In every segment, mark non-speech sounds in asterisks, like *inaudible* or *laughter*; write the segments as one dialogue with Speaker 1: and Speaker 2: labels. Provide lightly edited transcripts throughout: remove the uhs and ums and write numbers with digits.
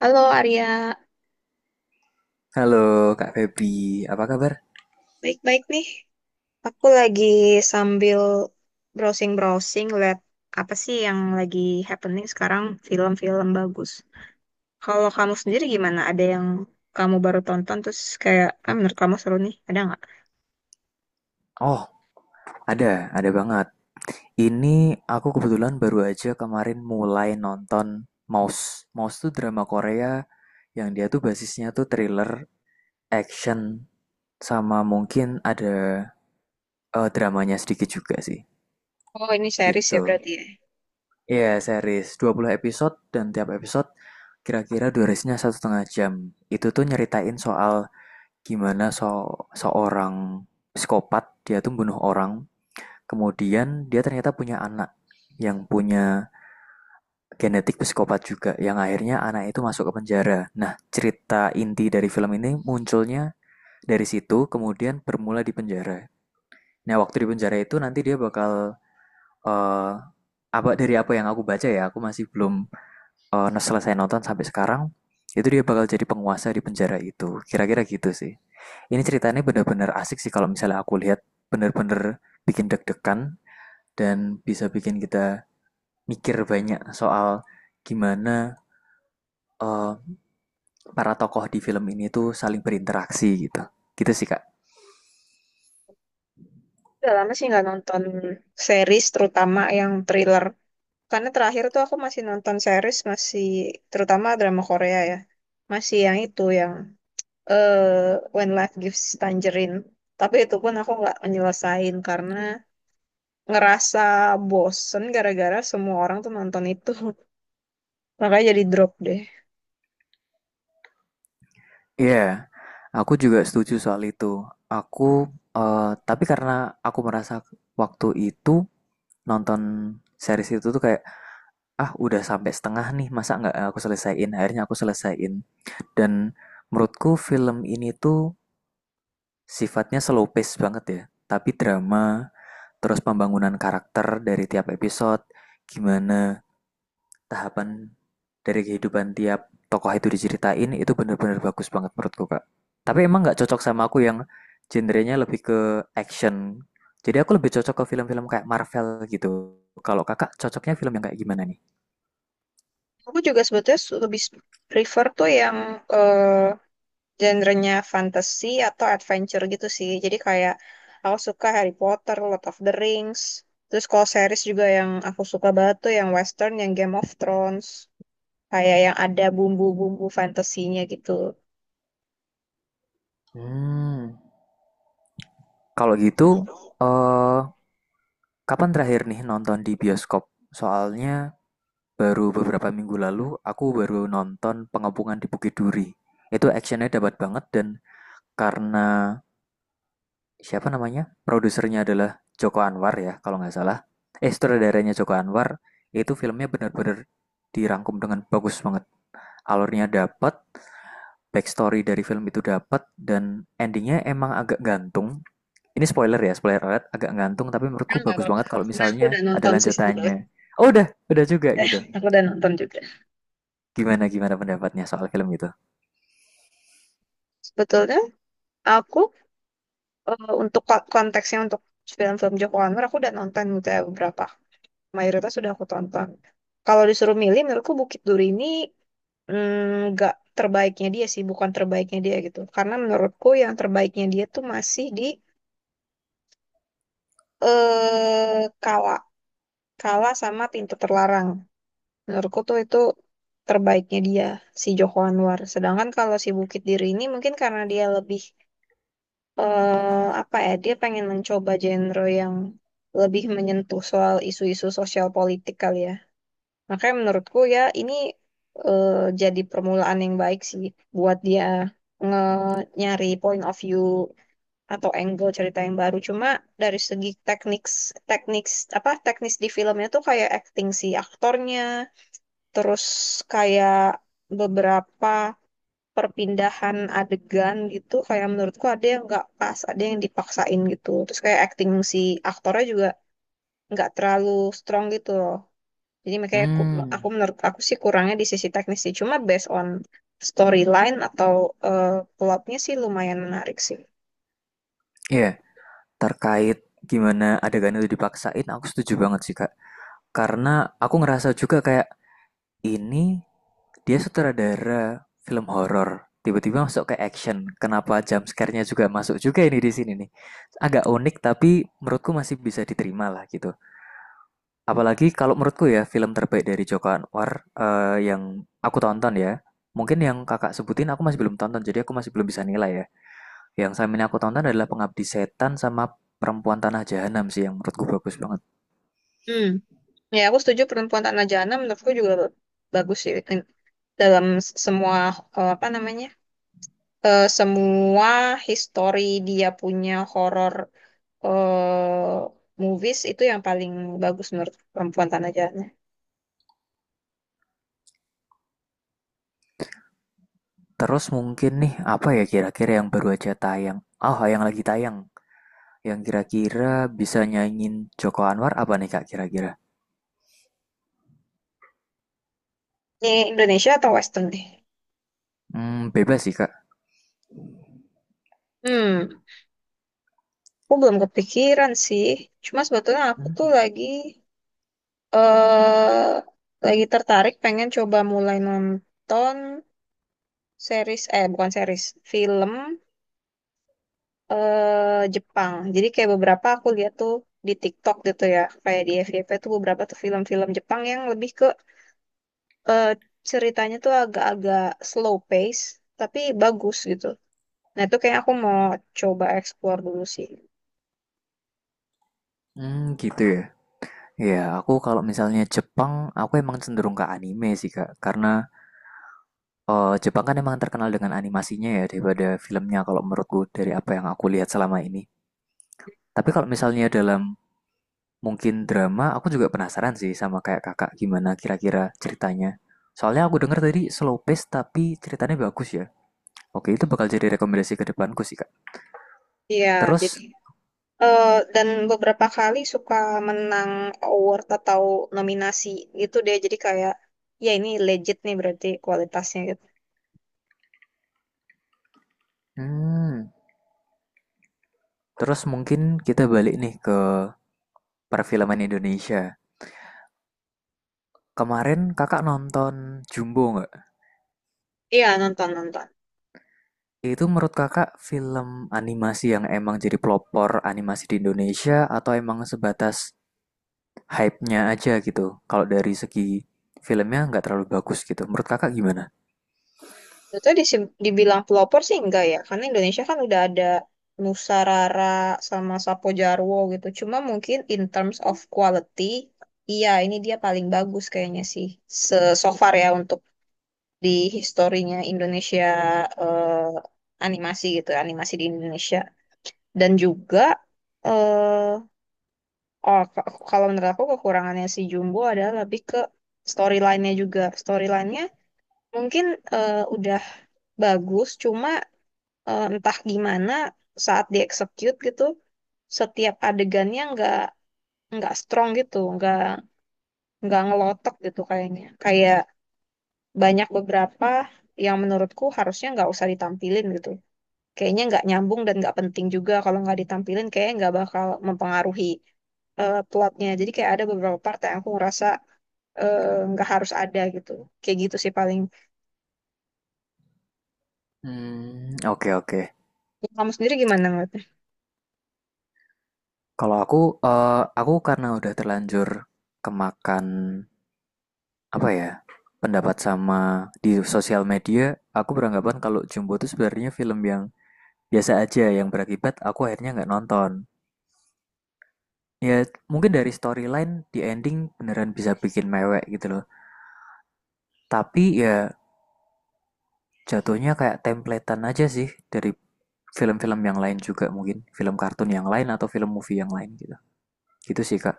Speaker 1: Halo Arya,
Speaker 2: Halo Kak Febri, apa kabar?
Speaker 1: baik-baik nih. Aku lagi sambil browsing-browsing lihat apa sih yang lagi happening sekarang film-film bagus. Kalau kamu sendiri gimana? Ada yang kamu baru tonton terus kayak, ah menurut kamu seru nih, ada nggak?
Speaker 2: Oh, ada banget. Ini aku kebetulan baru aja kemarin mulai nonton Mouse. Mouse tuh drama Korea yang dia tuh basisnya tuh thriller, action, sama mungkin ada dramanya sedikit juga sih.
Speaker 1: Oh ini series ya
Speaker 2: Gitu.
Speaker 1: berarti ya.
Speaker 2: Iya, series 20 episode dan tiap episode kira-kira durasinya 1,5 jam. Itu tuh nyeritain soal gimana seorang psikopat dia tuh bunuh orang. Kemudian dia ternyata punya anak yang punya genetik psikopat juga, yang akhirnya anak itu masuk ke penjara. Nah, cerita inti dari film ini munculnya dari situ, kemudian bermula di penjara. Nah, waktu di penjara itu nanti dia bakal, eh, apa dari apa yang aku baca ya, aku masih belum selesai nonton sampai sekarang. Itu dia bakal jadi penguasa di penjara itu. Kira-kira gitu sih. Ini ceritanya benar-benar asik sih kalau misalnya aku lihat, benar-benar bikin deg-degan dan bisa bikin kita mikir banyak soal gimana eh, para tokoh di film ini tuh saling berinteraksi gitu. Gitu sih, Kak.
Speaker 1: Udah lama sih nggak nonton series terutama yang thriller. Karena terakhir tuh aku masih nonton series masih terutama drama Korea ya. Masih yang itu yang When Life Gives Tangerine. Tapi itu pun aku nggak menyelesain karena ngerasa bosen gara-gara semua orang tuh nonton itu. *laughs* Makanya jadi drop deh.
Speaker 2: Iya, yeah, aku juga setuju soal itu. Aku, tapi karena aku merasa waktu itu nonton series itu tuh kayak, ah udah sampai setengah nih, masa nggak aku selesaiin? Akhirnya aku selesaiin. Dan menurutku film ini tuh sifatnya slow pace banget ya. Tapi drama, terus pembangunan karakter dari tiap episode, gimana tahapan dari kehidupan tiap tokoh itu diceritain, itu benar-benar bagus banget menurutku Kak. Tapi emang nggak cocok sama aku yang genrenya lebih ke action, jadi aku lebih cocok ke film-film kayak Marvel gitu. Kalau kakak cocoknya film yang kayak gimana nih?
Speaker 1: Aku juga sebetulnya lebih prefer tuh yang eh, genrenya fantasy atau adventure gitu sih. Jadi kayak aku suka Harry Potter, Lord of the Rings. Terus kalau series juga yang aku suka banget tuh yang western, yang Game of Thrones. Kayak yang ada bumbu-bumbu fantasinya gitu.
Speaker 2: Hmm, kalau gitu, eh kapan terakhir nih nonton di bioskop? Soalnya baru beberapa minggu lalu aku baru nonton Pengepungan di Bukit Duri. Itu actionnya dapat banget, dan karena, siapa namanya? Produsernya adalah Joko Anwar ya, kalau nggak salah. Eh, sutradaranya Joko Anwar, itu filmnya benar-benar dirangkum dengan bagus banget. Alurnya dapat, backstory dari film itu dapat, dan endingnya emang agak gantung. Ini spoiler ya, spoiler alert, agak gantung, tapi
Speaker 1: Ya,
Speaker 2: menurutku
Speaker 1: nggak
Speaker 2: bagus
Speaker 1: apa-apa.
Speaker 2: banget kalau
Speaker 1: Karena aku
Speaker 2: misalnya
Speaker 1: udah
Speaker 2: ada
Speaker 1: nonton sih sebetulnya.
Speaker 2: lanjutannya. Oh, udah juga
Speaker 1: Ya,
Speaker 2: gitu.
Speaker 1: *laughs* aku udah nonton juga.
Speaker 2: Gimana, gimana pendapatnya soal film itu?
Speaker 1: Sebetulnya aku untuk konteksnya untuk film-film Joko Anwar aku udah nonton gitu ya beberapa. Mayoritas sudah aku tonton. Kalau disuruh milih, menurutku Bukit Duri ini nggak terbaiknya dia sih, bukan terbaiknya dia gitu. Karena menurutku yang terbaiknya dia tuh masih di kala kala sama Pintu Terlarang. Menurutku tuh itu terbaiknya dia, si Joko Anwar. Sedangkan kalau si Bukit Diri ini mungkin karena dia lebih, apa ya, dia pengen mencoba genre yang lebih menyentuh soal isu-isu sosial politik kali ya. Makanya menurutku ya ini eh, jadi permulaan yang baik sih buat dia nyari point of view atau angle cerita yang baru. Cuma dari segi teknik, teknik apa teknis di filmnya tuh kayak acting si aktornya, terus kayak beberapa perpindahan adegan gitu kayak menurutku ada yang nggak pas ada yang dipaksain gitu terus kayak acting si aktornya juga nggak terlalu strong gitu loh jadi makanya aku
Speaker 2: Hmm,
Speaker 1: menurut aku sih kurangnya di sisi teknis sih cuma based on storyline atau eh, plotnya sih lumayan menarik sih.
Speaker 2: iya, yeah, terkait gimana adegan itu dipaksain, aku setuju banget sih, Kak. Karena aku ngerasa juga kayak, ini, dia sutradara film horor, tiba-tiba masuk ke action. Kenapa jump scare-nya juga masuk juga ini di sini nih. Agak unik tapi menurutku masih bisa diterima lah gitu. Apalagi kalau menurutku ya film terbaik dari Joko Anwar, yang aku tonton ya. Mungkin yang kakak sebutin aku masih belum tonton, jadi aku masih belum bisa nilai ya. Yang selama ini aku tonton adalah Pengabdi Setan sama Perempuan Tanah Jahanam sih yang menurutku bagus banget.
Speaker 1: Hmm, ya aku setuju perempuan Tanah Jana menurutku juga bagus sih dalam semua eh, apa namanya semua history dia punya horror eh, movies itu yang paling bagus menurut perempuan tanah jahannya.
Speaker 2: Terus mungkin nih apa ya kira-kira yang baru aja tayang? Oh, yang lagi tayang, yang kira-kira bisa nyanyiin Joko Anwar apa nih Kak kira-kira?
Speaker 1: Ini Indonesia atau Western nih?
Speaker 2: Hmm, bebas sih Kak.
Speaker 1: Hmm, aku belum kepikiran sih. Cuma sebetulnya aku tuh
Speaker 2: Hmm,
Speaker 1: lagi eh lagi tertarik pengen coba mulai nonton series eh bukan series, film Jepang. Jadi kayak beberapa aku lihat tuh di TikTok gitu ya, kayak di FYP tuh beberapa tuh film-film Jepang yang lebih ke eh, ceritanya tuh agak-agak slow pace, tapi bagus gitu. Nah, itu kayak aku mau coba explore dulu sih.
Speaker 2: hmm, gitu ya. Ya, aku kalau misalnya Jepang, aku emang cenderung ke anime sih Kak. Karena, Jepang kan emang terkenal dengan animasinya ya daripada filmnya kalau menurutku dari apa yang aku lihat selama ini. Tapi kalau misalnya dalam mungkin drama, aku juga penasaran sih sama kayak kakak gimana kira-kira ceritanya. Soalnya aku dengar tadi slow pace tapi ceritanya bagus ya. Oke, itu bakal jadi rekomendasi ke depanku sih Kak.
Speaker 1: Iya, jadi
Speaker 2: Terus,
Speaker 1: eh, dan beberapa kali suka menang award atau nominasi gitu deh. Jadi kayak, ya ini legit nih berarti kualitasnya gitu.
Speaker 2: hmm, terus mungkin kita balik nih ke perfilman Indonesia. Kemarin kakak nonton Jumbo nggak?
Speaker 1: Iya, nonton-nonton.
Speaker 2: Itu menurut kakak film animasi yang emang jadi pelopor animasi di Indonesia, atau emang sebatas hype-nya aja gitu? Kalau dari segi filmnya nggak terlalu bagus gitu. Menurut kakak gimana?
Speaker 1: Itu dibilang pelopor sih enggak ya, karena Indonesia kan udah ada Nusa Rara sama Sapo Jarwo gitu. Cuma mungkin in terms of quality, iya ini dia paling bagus kayaknya sih. Se so far ya untuk di historinya Indonesia eh, animasi gitu, animasi di Indonesia. Dan juga eh oh k- kalau menurut aku kekurangannya si Jumbo adalah lebih ke storyline-nya juga. Storyline-nya mungkin udah bagus, cuma entah gimana saat dieksekut gitu setiap adegannya nggak strong gitu nggak ngelotok gitu kayaknya kayak banyak beberapa yang menurutku harusnya nggak usah ditampilin gitu kayaknya nggak nyambung dan nggak penting juga kalau nggak ditampilin kayaknya nggak bakal mempengaruhi plotnya jadi kayak ada beberapa part yang aku ngerasa eh, nggak harus ada gitu kayak gitu sih paling.
Speaker 2: Hmm, oke oke.
Speaker 1: Kamu sendiri gimana ngeliatnya?
Speaker 2: Kalau aku, aku karena udah terlanjur kemakan, apa ya, pendapat sama di sosial media, aku beranggapan kalau Jumbo itu sebenarnya film yang biasa aja yang berakibat aku akhirnya nggak nonton. Ya mungkin dari storyline di ending beneran bisa bikin mewek gitu loh, tapi ya jatuhnya kayak templatean aja sih dari film-film yang lain juga, mungkin film kartun yang lain atau film movie yang lain gitu. Gitu sih Kak.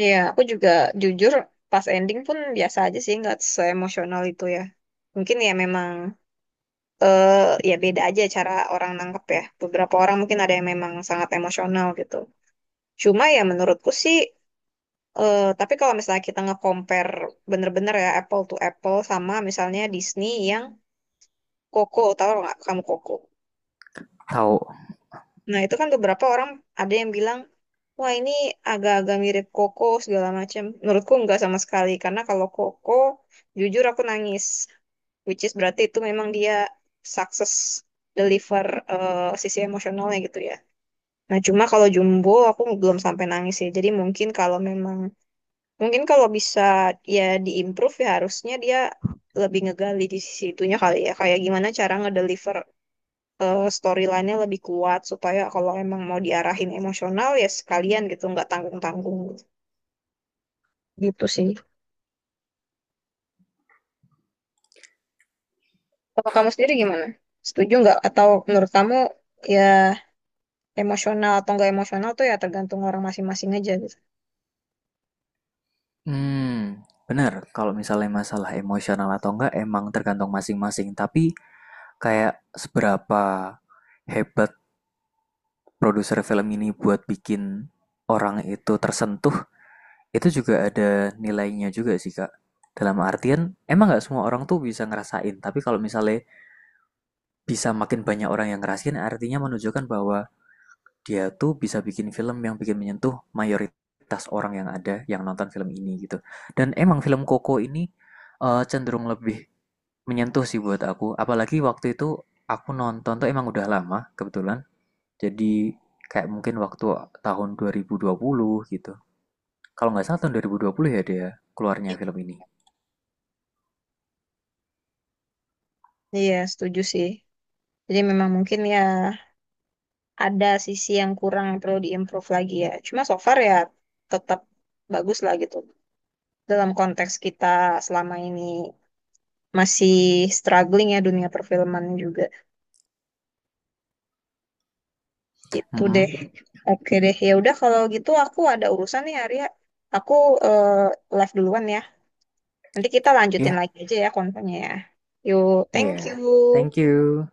Speaker 1: Iya, aku juga jujur pas ending pun biasa aja sih, nggak seemosional itu ya. Mungkin ya memang eh ya beda aja cara orang nangkep ya. Beberapa orang mungkin ada yang memang sangat emosional gitu. Cuma ya menurutku sih, tapi kalau misalnya kita nge-compare bener-bener ya apple to apple sama misalnya Disney yang Coco, tahu nggak kamu Coco?
Speaker 2: Tahu.
Speaker 1: Nah, itu kan beberapa orang ada yang bilang, wah ini agak-agak mirip Koko segala macam. Menurutku nggak sama sekali, karena kalau Koko, jujur aku nangis. Which is berarti itu memang dia sukses deliver sisi emosionalnya gitu ya. Nah, cuma kalau Jumbo aku belum sampai nangis ya. Jadi mungkin kalau memang, mungkin kalau bisa ya diimprove ya harusnya dia lebih ngegali di sisi itunya kali ya. Kayak gimana cara ngedeliver storyline-nya lebih kuat supaya kalau emang mau diarahin emosional ya sekalian gitu nggak tanggung-tanggung gitu. Gitu sih. Kalau kamu sendiri gimana? Setuju nggak? Atau menurut kamu ya emosional atau nggak emosional tuh ya tergantung orang masing-masing aja gitu.
Speaker 2: Hmm, bener kalau misalnya masalah emosional atau enggak emang tergantung masing-masing, tapi kayak seberapa hebat produser film ini buat bikin orang itu tersentuh, itu juga ada nilainya juga sih Kak. Dalam artian emang nggak semua orang tuh bisa ngerasain, tapi kalau misalnya bisa makin banyak orang yang ngerasain, artinya menunjukkan bahwa dia tuh bisa bikin film yang bikin menyentuh mayoritas orang yang ada yang nonton film ini gitu. Dan emang film Koko ini cenderung lebih menyentuh sih buat aku. Apalagi waktu itu aku nonton tuh emang udah lama kebetulan. Jadi kayak mungkin waktu tahun 2020 gitu. Kalau nggak salah tahun 2020 ya dia keluarnya film ini.
Speaker 1: Iya, setuju sih. Jadi memang mungkin ya ada sisi yang kurang yang perlu diimprove lagi ya. Cuma so far ya tetap bagus lah gitu. Dalam konteks kita selama ini masih struggling ya dunia perfilman juga.
Speaker 2: Mm-mm. Iya,
Speaker 1: Itu
Speaker 2: mm-hmm.
Speaker 1: deh. Oke deh. Ya udah kalau gitu aku ada urusan nih Arya. Aku eh, live duluan ya. Nanti kita lanjutin
Speaker 2: Yeah.
Speaker 1: lagi aja ya kontennya ya. Yuk,
Speaker 2: Iya.
Speaker 1: thank
Speaker 2: Yeah.
Speaker 1: you.
Speaker 2: Thank you.